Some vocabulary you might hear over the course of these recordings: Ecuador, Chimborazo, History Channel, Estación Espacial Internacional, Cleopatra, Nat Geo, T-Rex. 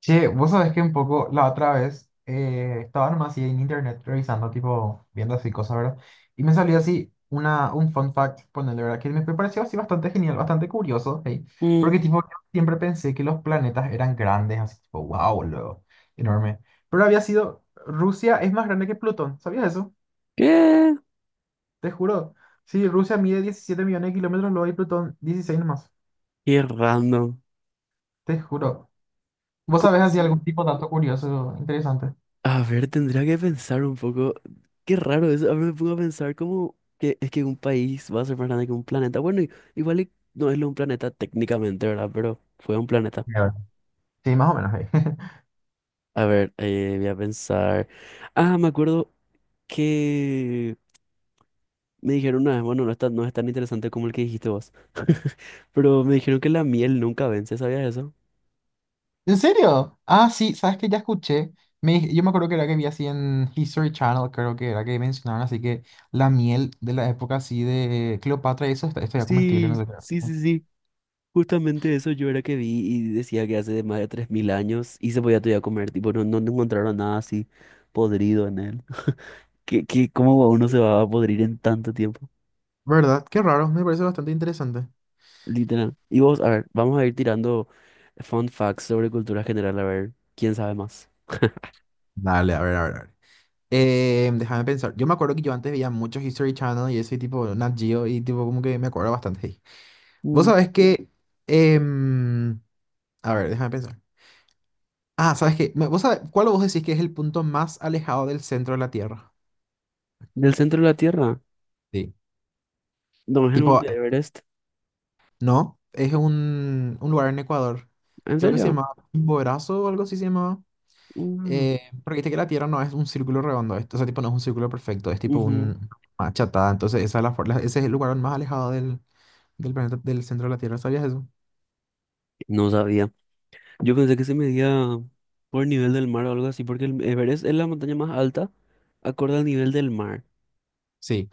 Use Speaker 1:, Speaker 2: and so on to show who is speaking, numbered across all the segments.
Speaker 1: Che, vos sabés que un poco la otra vez estaba nomás así en internet revisando, tipo, viendo así cosas, ¿verdad? Y me salió así un fun fact, ponerle, ¿verdad? Que me pareció así bastante genial, bastante curioso, ¿sí?
Speaker 2: Mm.
Speaker 1: Porque, tipo, yo siempre pensé que los planetas eran grandes, así, tipo, wow, luego, enorme. Pero había sido, Rusia es más grande que Plutón, ¿sabías eso?
Speaker 2: ¿Qué?
Speaker 1: Te juro. Sí, Rusia mide 17 millones de kilómetros, luego hay Plutón 16 nomás,
Speaker 2: Qué random.
Speaker 1: te juro. ¿Vos
Speaker 2: ¿Cómo
Speaker 1: sabés así algún
Speaker 2: así?
Speaker 1: tipo de dato curioso, interesante?
Speaker 2: A ver, tendría que pensar un poco. Qué raro eso. A ver, me pongo a pensar cómo que es que un país va a ser más grande que un planeta. Bueno, igual y no es lo un planeta técnicamente, ¿verdad? Pero fue un planeta.
Speaker 1: A ver. Sí, más o menos, ¿eh?
Speaker 2: A ver, voy a pensar. Ah, me acuerdo que me dijeron una vez, bueno, no es tan interesante como el que dijiste vos. Pero me dijeron que la miel nunca vence, ¿sabías eso?
Speaker 1: ¿En serio? Ah, sí, sabes que ya escuché. Yo me acuerdo que era que vi así en History Channel, creo que era que mencionaban así que la miel de la época así de Cleopatra y eso está ya comestible, no
Speaker 2: Sí,
Speaker 1: sé
Speaker 2: sí,
Speaker 1: qué.
Speaker 2: sí, sí. Justamente eso yo era que vi y decía que hace de más de 3.000 años y se podía todavía comer, tipo, no encontraron nada así podrido en él. ¿ cómo uno se va a podrir en tanto tiempo?
Speaker 1: ¿Verdad? Qué raro, me parece bastante interesante.
Speaker 2: Literal. Y vos, a ver, vamos a ir tirando fun facts sobre cultura general, a ver, ¿quién sabe más?
Speaker 1: Dale, a ver, a ver, a ver. Déjame pensar. Yo me acuerdo que yo antes veía muchos History Channel y ese tipo, Nat Geo, y tipo como que me acuerdo bastante ahí. Vos
Speaker 2: Mm.
Speaker 1: sabés que em, a ver, déjame pensar. Ah, ¿sabes qué? ¿Vos sabés cuál vos decís que es el punto más alejado del centro de la Tierra?
Speaker 2: ¿Del centro de la Tierra?
Speaker 1: Sí.
Speaker 2: ¿No es el
Speaker 1: Tipo,
Speaker 2: monte Everest?
Speaker 1: no, es un lugar en Ecuador.
Speaker 2: ¿En
Speaker 1: Creo que se
Speaker 2: serio?
Speaker 1: llamaba Chimborazo o algo así se llamaba.
Speaker 2: Mm,
Speaker 1: Porque viste que la Tierra no es un círculo redondo, o sea, tipo no es un círculo perfecto, es tipo
Speaker 2: ujú.
Speaker 1: un una achatada. Entonces, esa es la, for- la- ese es el lugar más alejado del, del planeta, del centro de la Tierra. ¿Sabías eso?
Speaker 2: No sabía. Yo pensé que se medía por nivel del mar o algo así, porque el Everest es la montaña más alta acorde al nivel del mar.
Speaker 1: Sí.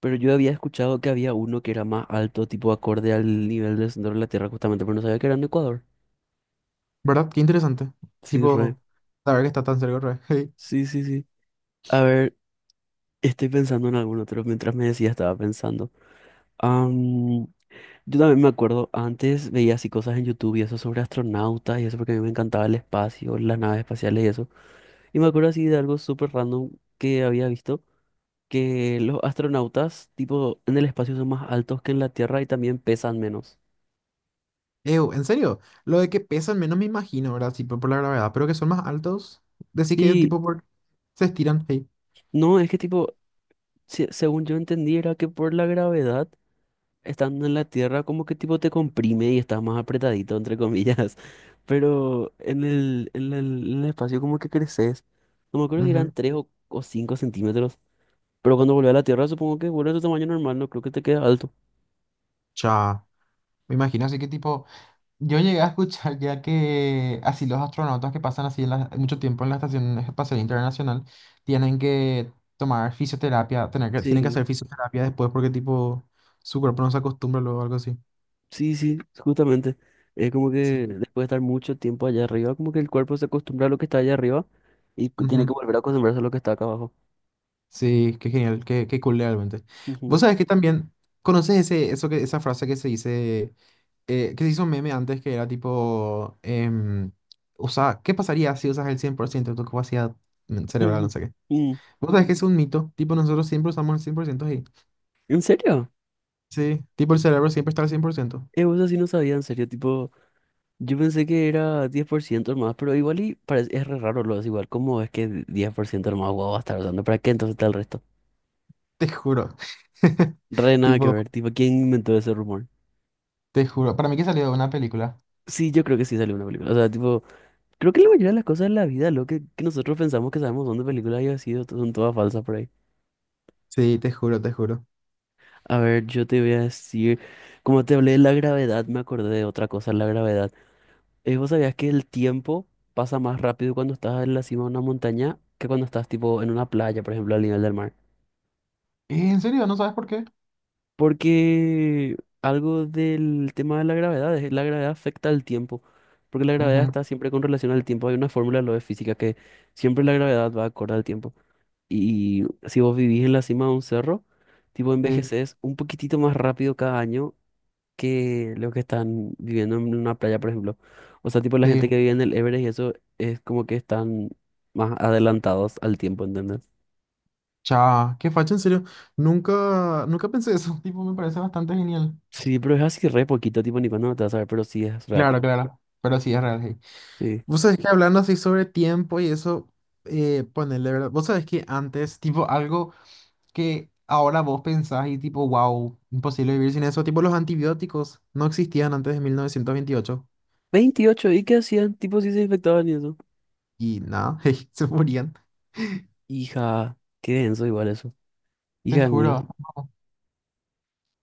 Speaker 2: Pero yo había escuchado que había uno que era más alto, tipo acorde al nivel del centro de la Tierra, justamente, pero no sabía que era en Ecuador.
Speaker 1: ¿Verdad? Qué interesante.
Speaker 2: Sí, re.
Speaker 1: Tipo, saber que está tan cerca otra vez.
Speaker 2: Sí, sí, sí. A ver, estoy pensando en algún otro. Mientras me decía, estaba pensando. Am, yo también me acuerdo, antes veía así cosas en YouTube y eso sobre astronautas y eso porque a mí me encantaba el espacio, las naves espaciales y eso. Y me acuerdo así de algo súper random que había visto, que los astronautas, tipo, en el espacio son más altos que en la Tierra y también pesan menos.
Speaker 1: Ew, en serio, lo de que pesan menos me imagino, ¿verdad? Tipo por la gravedad, pero que son más altos. Decir que
Speaker 2: Sí,
Speaker 1: tipo por... se estiran. Hey.
Speaker 2: no, es que tipo, según yo entendí, era que por la gravedad, estando en la Tierra, como que tipo te comprime y estás más apretadito, entre comillas. Pero en el espacio como que creces. No me acuerdo si eran
Speaker 1: Ujú.
Speaker 2: o 5 centímetros. Pero cuando volvés a la Tierra, supongo que vuelve a tu tamaño normal, no creo que te quede alto.
Speaker 1: Cha. Me imagino así que tipo. Yo llegué a escuchar ya que así los astronautas que pasan así en mucho tiempo en la Estación Espacial Internacional tienen que tomar fisioterapia, tienen que
Speaker 2: Sí,
Speaker 1: hacer fisioterapia después porque tipo su cuerpo no se acostumbra luego algo así.
Speaker 2: sí, sí, justamente. Es como
Speaker 1: Sí.
Speaker 2: que después de estar mucho tiempo allá arriba, como que el cuerpo se acostumbra a lo que está allá arriba y tiene
Speaker 1: Ujú.
Speaker 2: que volver a acostumbrarse a lo que está acá abajo.
Speaker 1: Sí, qué genial, qué cool realmente. Vos
Speaker 2: Ujú.
Speaker 1: sabés que también conoces ese, eso que, esa frase que se dice, que se hizo meme antes que era tipo, usa, ¿qué pasaría si usas el 100% de tu capacidad cerebral? No sé qué.
Speaker 2: Mm.
Speaker 1: Vos sabés que es un mito. Tipo, nosotros siempre usamos el 100% ahí.
Speaker 2: ¿En serio?
Speaker 1: Sí. Tipo, el cerebro siempre está al 100%.
Speaker 2: Vos así no sabía, en serio, tipo, yo pensé que era 10% más, pero igual y parece, es re raro lo es igual, ¿cómo es que 10% más guau va a estar usando? ¿Para qué entonces está el resto?
Speaker 1: Te juro.
Speaker 2: Re nada que
Speaker 1: Tipo,
Speaker 2: ver, tipo, ¿quién inventó ese rumor?
Speaker 1: te juro. Para mí que salió de una película.
Speaker 2: Sí, yo creo que sí salió una película, o sea, tipo, creo que la mayoría de las cosas de la vida, que nosotros pensamos que sabemos dónde películas haya sido, son todas falsas por ahí.
Speaker 1: Sí, te juro, te juro.
Speaker 2: A ver, yo te voy a decir, como te hablé de la gravedad, me acordé de otra cosa, la gravedad. ¿Vos sabías que el tiempo pasa más rápido cuando estás en la cima de una montaña que cuando estás tipo en una playa, por ejemplo, al nivel del mar?
Speaker 1: ¿En serio? ¿No sabes por qué?
Speaker 2: Porque algo del tema de la gravedad, la gravedad afecta al tiempo, porque la gravedad
Speaker 1: Ujú,
Speaker 2: está siempre con relación al tiempo. Hay una fórmula de lo de física que siempre la gravedad va acorde al tiempo. Y si vos vivís en la cima de un cerro, tipo
Speaker 1: sí,
Speaker 2: envejeces un poquitito más rápido cada año que los que están viviendo en una playa, por ejemplo. O sea, tipo la gente
Speaker 1: sí.
Speaker 2: que vive en el Everest y eso es como que están más adelantados al tiempo, ¿entendés?
Speaker 1: Cha, qué facha, en serio. Nunca, nunca pensé eso. Tipo, me parece bastante genial.
Speaker 2: Sí, pero es así re poquito, tipo ni cuando no te vas a ver, pero sí es real.
Speaker 1: Claro, claro. Pero sí, es real, sí.
Speaker 2: Sí.
Speaker 1: Vos sabés que hablando así sobre tiempo y eso, ponele, ¿verdad? Vos sabés que antes, tipo, algo que ahora vos pensás y tipo, wow, imposible vivir sin eso. Tipo, los antibióticos no existían antes de 1928
Speaker 2: Veintiocho, ¿y qué hacían? Tipo, sí se infectaban y eso.
Speaker 1: y nada, se morían.
Speaker 2: Hija, qué denso igual eso.
Speaker 1: Te
Speaker 2: Hija de mil.
Speaker 1: juro.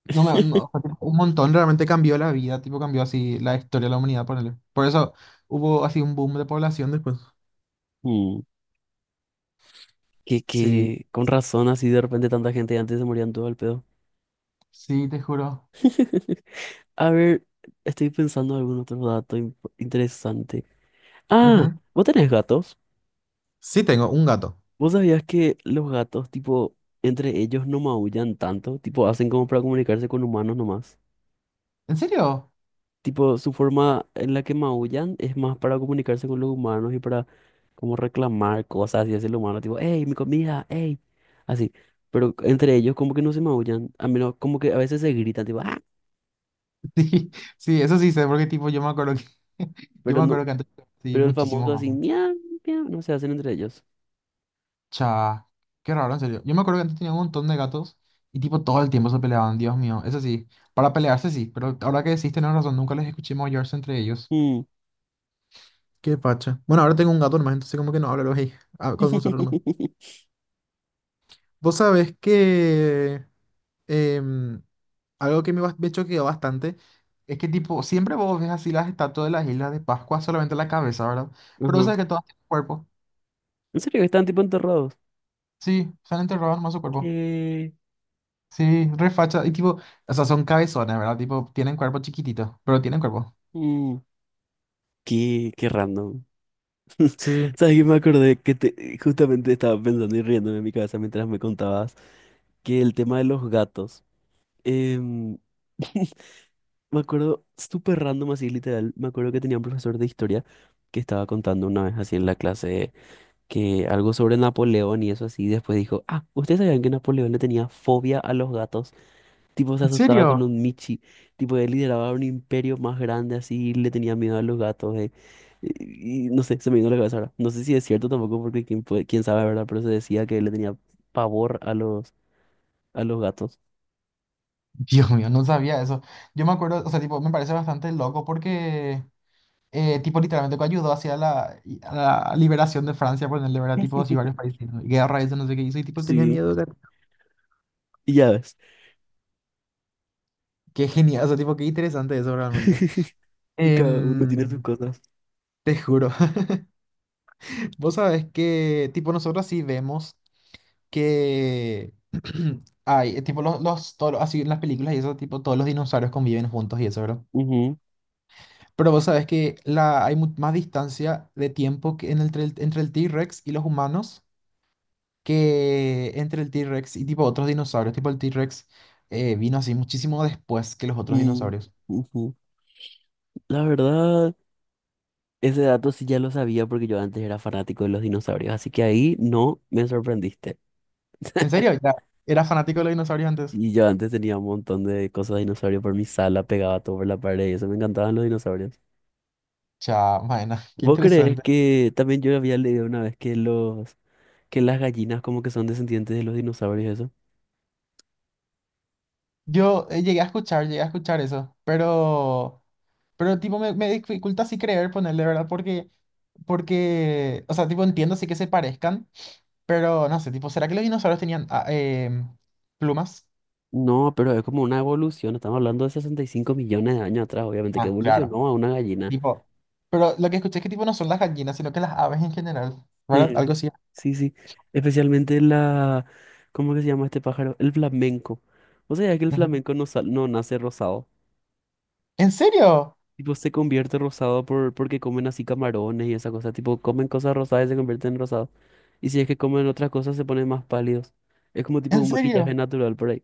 Speaker 1: No me, no, fue tipo un montón realmente cambió la vida, tipo cambió así la historia de la humanidad, ponele. Por eso hubo así un boom de población después.
Speaker 2: Mm. Que,
Speaker 1: Sí.
Speaker 2: que con razón así de repente tanta gente antes se morían todo al pedo.
Speaker 1: Sí, te juro.
Speaker 2: A ver, estoy pensando en algún otro dato interesante. Ah,
Speaker 1: Ujú.
Speaker 2: ¿vos tenés gatos?
Speaker 1: Sí, tengo un gato.
Speaker 2: ¿Vos sabías que los gatos, tipo, entre ellos no maullan tanto? Tipo, hacen como para comunicarse con humanos nomás.
Speaker 1: ¿En serio?
Speaker 2: Tipo, su forma en la que maullan es más para comunicarse con los humanos y para como reclamar cosas y hacia el humano. Tipo, hey, mi comida, hey. Así. Pero entre ellos como que no se maullan. A menos como que a veces se gritan, tipo, ah,
Speaker 1: Sí, sí, eso sí sé, porque tipo yo me acuerdo que yo
Speaker 2: pero
Speaker 1: me
Speaker 2: no,
Speaker 1: acuerdo que antes sí,
Speaker 2: pero el famoso
Speaker 1: muchísimos
Speaker 2: así,
Speaker 1: gatos.
Speaker 2: miau, miau, no se hacen entre ellos.
Speaker 1: Cha, qué raro, en serio. Yo me acuerdo que antes tenía un montón de gatos y tipo todo el tiempo se peleaban, Dios mío. Eso sí, para pelearse sí, pero ahora que decís tenés razón, nunca les escuché maullarse entre ellos.
Speaker 2: Mm.
Speaker 1: Qué pacha. Bueno, ahora tengo un gato nomás, entonces como que no habla luego ahí ah, con nosotros nomás. Vos sabés que em, algo que me choqueó bastante. Es que tipo, siempre vos ves así las estatuas de las Islas de Pascua, solamente la cabeza, ¿verdad? Pero
Speaker 2: Ajá.
Speaker 1: sabes que todas tienen cuerpo.
Speaker 2: ¿En serio? Están tipo enterrados.
Speaker 1: Sí, se han enterrado nomás su cuerpo.
Speaker 2: ¿Qué?
Speaker 1: Sí, re facha. Y tipo, o sea, son cabezones, ¿verdad? Tipo, tienen cuerpo chiquitito, pero tienen cuerpo.
Speaker 2: Mm. Qué, qué random.
Speaker 1: Sí.
Speaker 2: ¿Sabes qué? Me acordé que justamente estaba pensando y riéndome en mi cabeza mientras me contabas que el tema de los gatos. em, Me acuerdo, súper random así, literal. Me acuerdo que tenía un profesor de historia que estaba contando una vez así en la clase que algo sobre Napoleón y eso así, y después dijo, ah, ¿ustedes sabían que Napoleón le tenía fobia a los gatos? Tipo se
Speaker 1: ¿En
Speaker 2: asustaba con
Speaker 1: serio?
Speaker 2: un michi. Tipo él lideraba un imperio más grande así y le tenía miedo a los gatos. Y no sé, se me vino a la cabeza ahora. No sé si es cierto tampoco porque quién sabe, ¿verdad? Pero se decía que él le tenía pavor a a los gatos.
Speaker 1: Dios mío, no sabía eso. Yo me acuerdo, o sea, tipo, me parece bastante loco porque, tipo, literalmente que ayudó hacia la, a la liberación de Francia, por el ¿verdad? Tipo, así varios países, ¿no? Y guerra, eso, no sé qué hizo, y tipo, tenía
Speaker 2: Sí,
Speaker 1: miedo.
Speaker 2: y ya ves.
Speaker 1: Qué genial, o sea, tipo, qué interesante eso realmente.
Speaker 2: Y cada uno tiene sus
Speaker 1: Em,
Speaker 2: cosas.
Speaker 1: te juro. Vos sabés que, tipo, nosotros sí vemos que hay, tipo los toros, así en las películas y eso, tipo todos los dinosaurios conviven juntos y eso, ¿verdad?
Speaker 2: Ujú,
Speaker 1: Pero vos sabés que la, hay más distancia de tiempo que entre el T-Rex y los humanos que entre el T-Rex y tipo otros dinosaurios, tipo el T-Rex vino así muchísimo después que los otros
Speaker 2: y-
Speaker 1: dinosaurios.
Speaker 2: ujú. La verdad, ese dato sí ya lo sabía porque yo antes era fanático de los dinosaurios, así que ahí no me sorprendiste.
Speaker 1: ¿En serio? Ya, ¿era fanático de los dinosaurios antes?
Speaker 2: Y yo antes tenía un montón de cosas de dinosaurio por mi sala, pegaba todo por la pared y eso, me encantaban los dinosaurios.
Speaker 1: Cha, bueno, qué
Speaker 2: ¿Vos crees
Speaker 1: interesante.
Speaker 2: que también yo había leído una vez que los que las gallinas como que son descendientes de los dinosaurios eso?
Speaker 1: Yo llegué a escuchar eso, pero tipo me, me dificulta así creer ponerle, ¿verdad? Porque, o sea, tipo entiendo sí que se parezcan, pero no sé, tipo, ¿será que los dinosaurios tenían plumas?
Speaker 2: No, pero es como una evolución, estamos hablando de 65 millones de años atrás, obviamente que
Speaker 1: Ah, claro.
Speaker 2: evolucionó a una gallina.
Speaker 1: Tipo, pero lo que escuché es que tipo no son las gallinas, sino que las aves en general, ¿verdad?
Speaker 2: Eh,
Speaker 1: Algo así.
Speaker 2: sí, sí, especialmente la, ¿cómo que se llama este pájaro? El flamenco. ¿Vos sabías que el
Speaker 1: Ujú.
Speaker 2: flamenco no nace rosado?
Speaker 1: ¿En serio?
Speaker 2: Tipo, se convierte rosado porque comen así camarones y esa cosa. Tipo, comen cosas rosadas y se convierten en rosado. Y si es que comen otras cosas, se ponen más pálidos. Es como tipo
Speaker 1: ¿En
Speaker 2: un maquillaje
Speaker 1: serio?
Speaker 2: natural por ahí.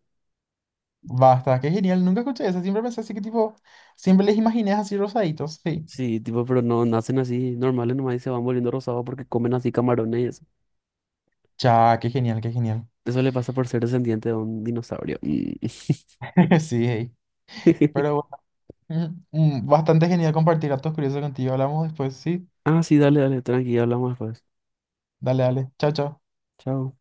Speaker 1: Basta, qué genial, nunca escuché eso, siempre pensé así que tipo, siempre les imaginé así rosaditos, sí.
Speaker 2: Sí, tipo, pero no nacen así normales nomás y se van volviendo rosados porque comen así camarones y eso.
Speaker 1: Ya, qué genial, qué genial.
Speaker 2: Eso le pasa por ser descendiente de un dinosaurio. Mm.
Speaker 1: Sí, hey. Pero Mm, Bastante genial compartir datos curiosos contigo. Hablamos después, sí.
Speaker 2: Ah, sí, dale, dale, tranqui, hablamos después.
Speaker 1: Dale, dale. Chao, chao.
Speaker 2: Chao.